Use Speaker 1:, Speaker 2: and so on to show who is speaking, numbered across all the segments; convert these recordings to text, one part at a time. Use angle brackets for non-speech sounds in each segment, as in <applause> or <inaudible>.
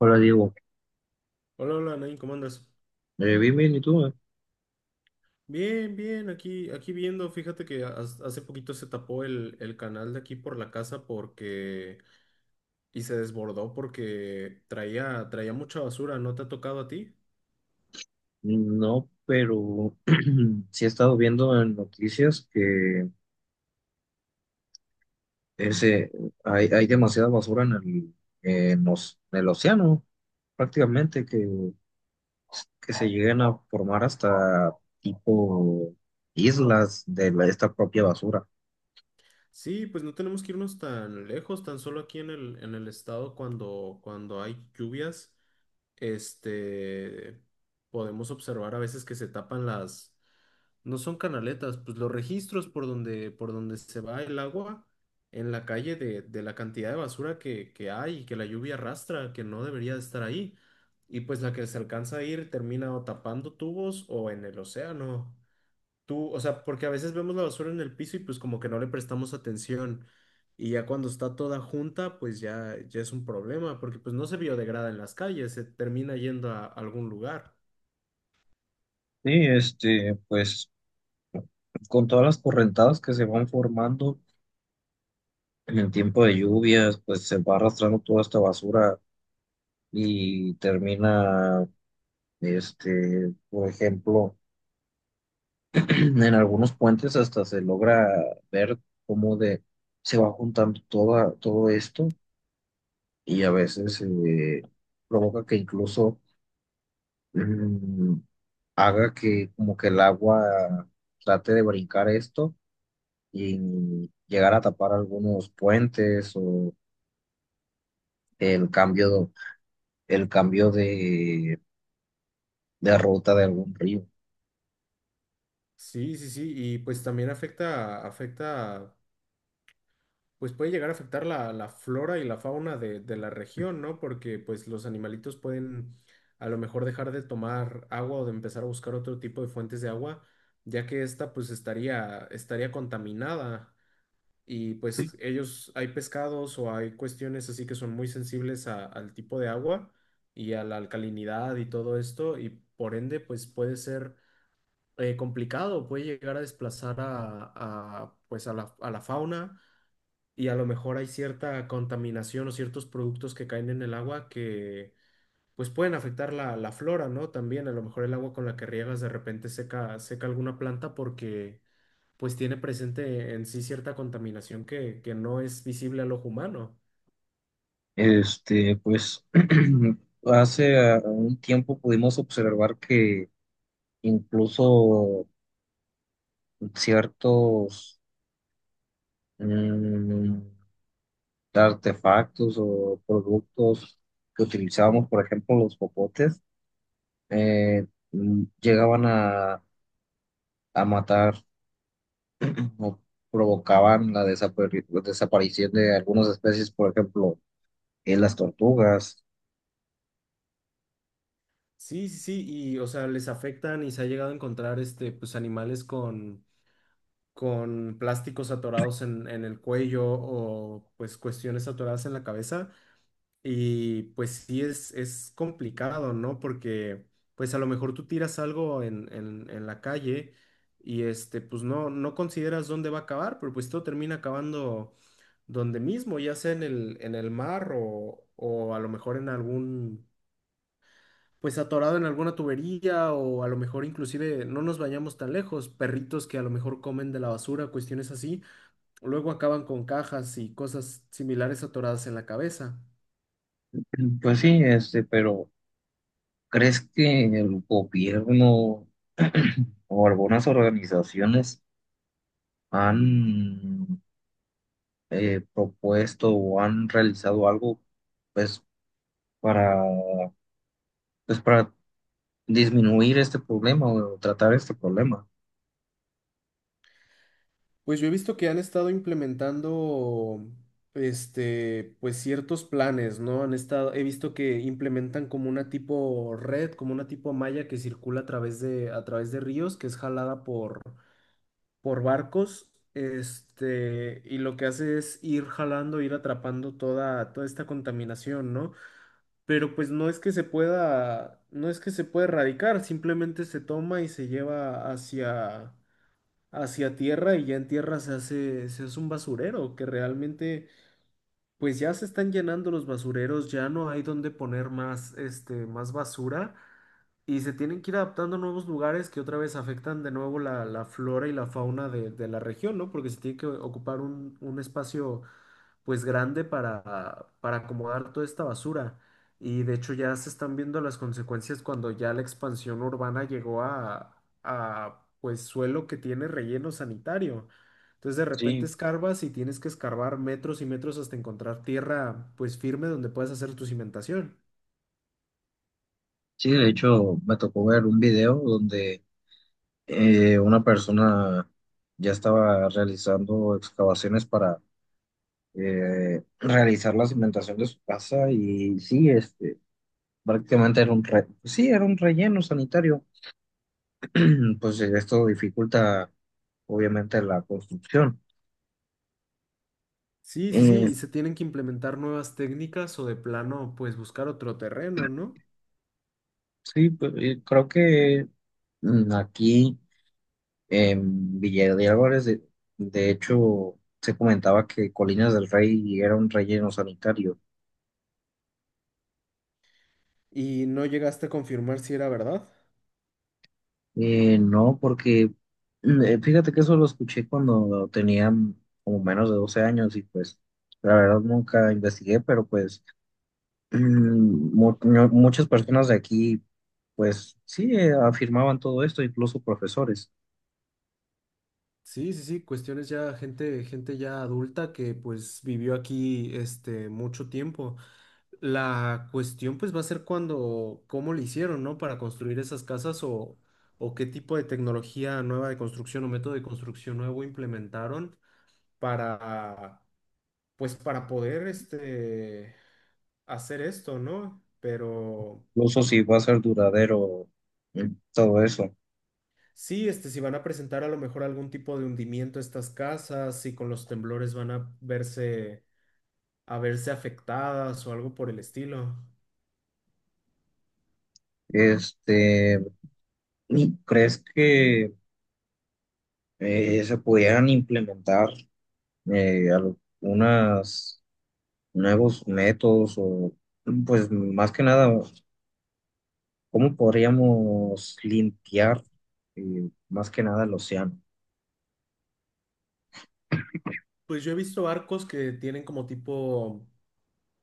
Speaker 1: Hola Diego.
Speaker 2: Hola, hola, Nain, ¿cómo andas?
Speaker 1: Bien, bien, ¿y tú?
Speaker 2: Bien, bien, aquí viendo, fíjate que hace poquito se tapó el canal de aquí por la casa porque, y se desbordó porque traía mucha basura, ¿no te ha tocado a ti?
Speaker 1: No, pero <clears throat> sí he estado viendo en noticias que ese, hay demasiada basura en en los en el océano, prácticamente, que se llegan a formar hasta tipo islas esta propia basura.
Speaker 2: Sí, pues no tenemos que irnos tan lejos, tan solo aquí en el estado cuando hay lluvias, este, podemos observar a veces que se tapan las. No son canaletas, pues los registros por donde se va el agua en la calle de la cantidad de basura que hay y que la lluvia arrastra, que no debería de estar ahí. Y pues la que se alcanza a ir termina o tapando tubos o en el océano. Tú, o sea, porque a veces vemos la basura en el piso y pues como que no le prestamos atención. Y ya cuando está toda junta, pues ya es un problema, porque pues no se biodegrada en las calles, se termina yendo a algún lugar.
Speaker 1: Sí, este, pues con todas las correntadas que se van formando en el tiempo de lluvias, pues se va arrastrando toda esta basura y termina. Este, por ejemplo, <clears throat> en algunos puentes hasta se logra ver cómo de, se va juntando toda, todo esto y a veces provoca que incluso mm, haga que como que el agua trate de brincar esto y llegar a tapar algunos puentes o el cambio, el cambio de ruta de algún río.
Speaker 2: Sí, sí, sí, y pues también afecta pues puede llegar a afectar la flora y la fauna de la región, ¿no? Porque pues los animalitos pueden a lo mejor dejar de tomar agua o de empezar a buscar otro tipo de fuentes de agua, ya que esta pues estaría contaminada y pues ellos hay pescados o hay cuestiones así que son muy sensibles al tipo de agua y a la alcalinidad y todo esto y por ende pues puede ser complicado, puede llegar a desplazar pues a la fauna y a lo mejor hay cierta contaminación o ciertos productos que caen en el agua que pues pueden afectar la flora, ¿no? También a lo mejor el agua con la que riegas de repente seca alguna planta porque pues tiene presente en sí cierta contaminación que no es visible al ojo humano.
Speaker 1: Este, pues <clears throat> hace un tiempo pudimos observar que incluso ciertos mm, artefactos o productos que utilizábamos, por ejemplo, los popotes, eh, llegaban a matar <clears throat> o provocaban la desaparición de algunas especies, por ejemplo, en las tortugas.
Speaker 2: Sí, sí, sí, y o sea, les afectan y se ha llegado a encontrar pues animales con plásticos atorados en el cuello o pues cuestiones atoradas en la cabeza. Y pues sí es complicado, ¿no? Porque pues a lo mejor tú tiras algo en la calle y pues no consideras dónde va a acabar, pero pues todo termina acabando donde mismo, ya sea en el mar o a lo mejor en algún, pues atorado en alguna tubería o a lo mejor inclusive no nos vayamos tan lejos, perritos que a lo mejor comen de la basura, cuestiones así, luego acaban con cajas y cosas similares atoradas en la cabeza.
Speaker 1: <clears throat> Pues sí, este, pero ¿crees que el gobierno <clears throat> o algunas organizaciones han propuesto o han realizado algo pues para pues para disminuir este problema o tratar este problema?
Speaker 2: Pues yo he visto que han estado implementando, pues ciertos planes, ¿no? Han estado, he visto que implementan como una tipo red, como una tipo malla que circula a través de ríos, que es jalada por barcos, y lo que hace es ir jalando, ir atrapando toda esta contaminación, ¿no? Pero pues no es que se pueda erradicar, simplemente se toma y se lleva hacia tierra y ya en tierra se se hace un basurero, que realmente pues ya se están llenando los basureros, ya no hay donde poner más basura y se tienen que ir adaptando a nuevos lugares que otra vez afectan de nuevo la flora y la fauna de la región, ¿no? Porque se tiene que ocupar un espacio pues grande para acomodar toda esta basura. Y de hecho ya se están viendo las consecuencias cuando ya la expansión urbana llegó a pues suelo que tiene relleno sanitario. Entonces de repente
Speaker 1: Sí,
Speaker 2: escarbas y tienes que escarbar metros y metros hasta encontrar tierra pues firme donde puedas hacer tu cimentación.
Speaker 1: sí, de hecho me tocó ver un video donde una persona ya estaba realizando excavaciones para realizar la cimentación de su casa y sí, este prácticamente era pues sí, era un relleno sanitario. <clears throat> Pues esto dificulta obviamente la construcción.
Speaker 2: Sí, sí,
Speaker 1: Eh,
Speaker 2: sí, y se tienen que implementar nuevas técnicas o de plano, pues buscar otro terreno, ¿no?
Speaker 1: sí, pues, creo que aquí en Villa de Álvarez, de hecho, se comentaba que Colinas del Rey era un relleno sanitario.
Speaker 2: Y no llegaste a confirmar si era verdad.
Speaker 1: No, porque fíjate que eso lo escuché cuando tenía como menos de 12 años y pues la verdad nunca investigué, pero pues mm, muchas personas de aquí, pues sí, afirmaban todo esto, incluso profesores,
Speaker 2: Sí, sí, sí, cuestiones ya, gente ya adulta que pues vivió aquí mucho tiempo. La cuestión pues va a ser cuando, cómo le hicieron, ¿no? Para construir esas casas o qué tipo de tecnología nueva de construcción o método de construcción nuevo implementaron para, pues para poder hacer esto, ¿no? Pero
Speaker 1: incluso si va a ser duradero mm, todo eso.
Speaker 2: sí, si van a presentar a lo mejor algún tipo de hundimiento a estas casas, si con los temblores van a a verse afectadas o algo por el estilo.
Speaker 1: Este, ¿crees que se pudieran implementar algunos nuevos métodos o, pues más que nada, cómo podríamos limpiar más que nada el océano?
Speaker 2: Pues yo he visto barcos que tienen como tipo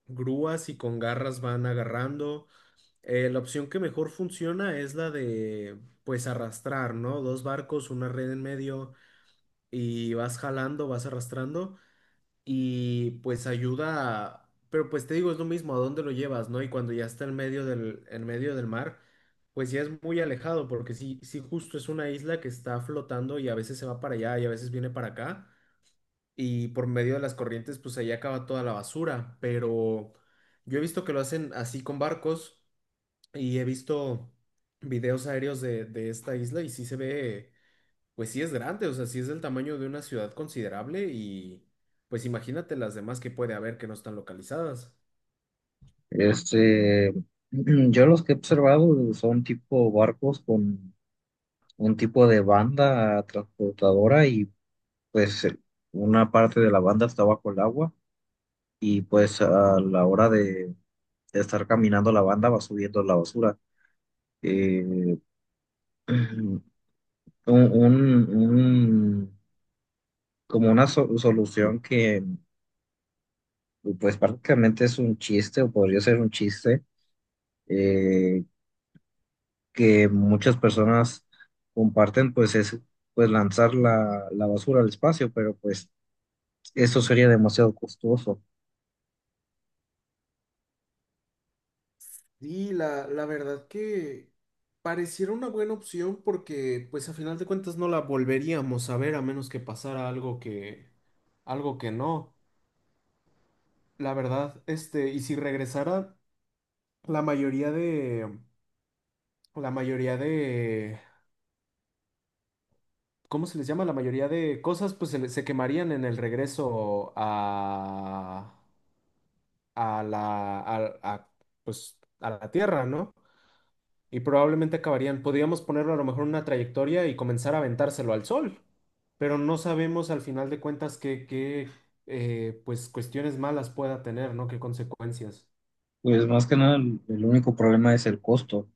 Speaker 2: grúas y con garras van agarrando. La opción que mejor funciona es la de, pues, arrastrar, ¿no? Dos barcos, una red en medio y vas jalando, vas arrastrando. Y pues pero pues te digo, es lo mismo, ¿a dónde lo llevas, no? Y cuando ya está en medio del mar, pues ya es muy alejado, porque sí, justo es una isla que está flotando y a veces se va para allá y a veces viene para acá, y por medio de las corrientes, pues ahí acaba toda la basura, pero yo he visto que lo hacen así con barcos y he visto videos aéreos de esta isla y sí se ve. Pues sí es grande, o sea, sí es del tamaño de una ciudad considerable y pues imagínate las demás que puede haber que no están localizadas.
Speaker 1: Este, <clears throat> yo los que he observado son tipo barcos con un tipo de banda transportadora y pues una parte de la banda está bajo el agua y pues a la hora de estar caminando la banda va subiendo la basura. Eh, <clears throat> un, un- un- como solución que pues prácticamente es un chiste o podría ser un chiste, eh, que muchas personas comparten, pues es pues lanzar la basura al espacio, pero pues eso sería demasiado costoso.
Speaker 2: Sí, la verdad que pareciera una buena opción porque pues a final de cuentas no la volveríamos a ver a menos que pasara algo que no. La verdad, y si regresara la mayoría de la mayoría de ¿cómo se les llama? La mayoría de cosas pues se quemarían en el regreso a la, a, pues, a la Tierra, ¿no? Y probablemente acabarían, podríamos ponerlo a lo mejor en una trayectoria y comenzar a aventárselo al Sol, pero no sabemos al final de cuentas qué pues, cuestiones malas pueda tener, ¿no? ¿Qué consecuencias?
Speaker 1: Pues más que nada el, el único problema es el costo.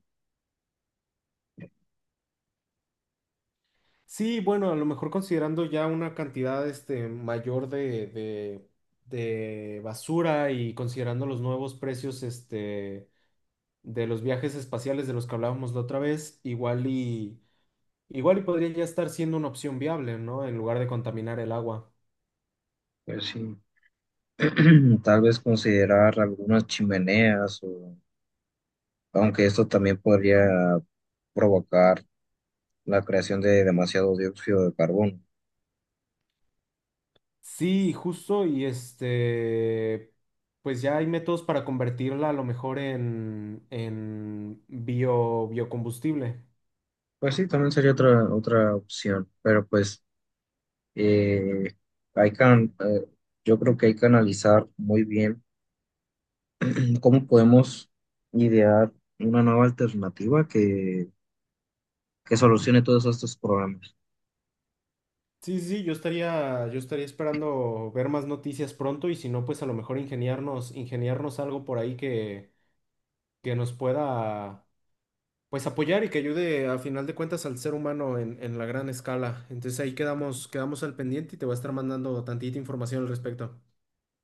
Speaker 2: Sí, bueno, a lo mejor considerando ya una cantidad mayor de basura y considerando los nuevos precios de los viajes espaciales de los que hablábamos la otra vez, igual y podría ya estar siendo una opción viable, ¿no? En lugar de contaminar el agua.
Speaker 1: Pues sí, <clears throat> tal vez considerar algunas chimeneas, o, aunque esto también podría provocar la creación de demasiado dióxido de carbono.
Speaker 2: Sí, justo, y pues ya hay métodos para convertirla a lo mejor en bio, biocombustible.
Speaker 1: Pues sí, también sería otra, otra opción, pero pues eh, hay can- eh, yo creo que hay que analizar muy bien cómo podemos idear una nueva alternativa que solucione todos estos problemas.
Speaker 2: Sí, sí, yo estaría esperando ver más noticias pronto y si no, pues a lo mejor ingeniarnos algo por ahí que nos pueda pues apoyar y que ayude a final de cuentas al ser humano en la gran escala. Entonces ahí quedamos al pendiente y te voy a estar mandando tantita información al respecto.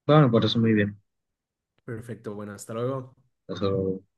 Speaker 1: Bueno, me parece muy bien.
Speaker 2: Perfecto, bueno, hasta luego.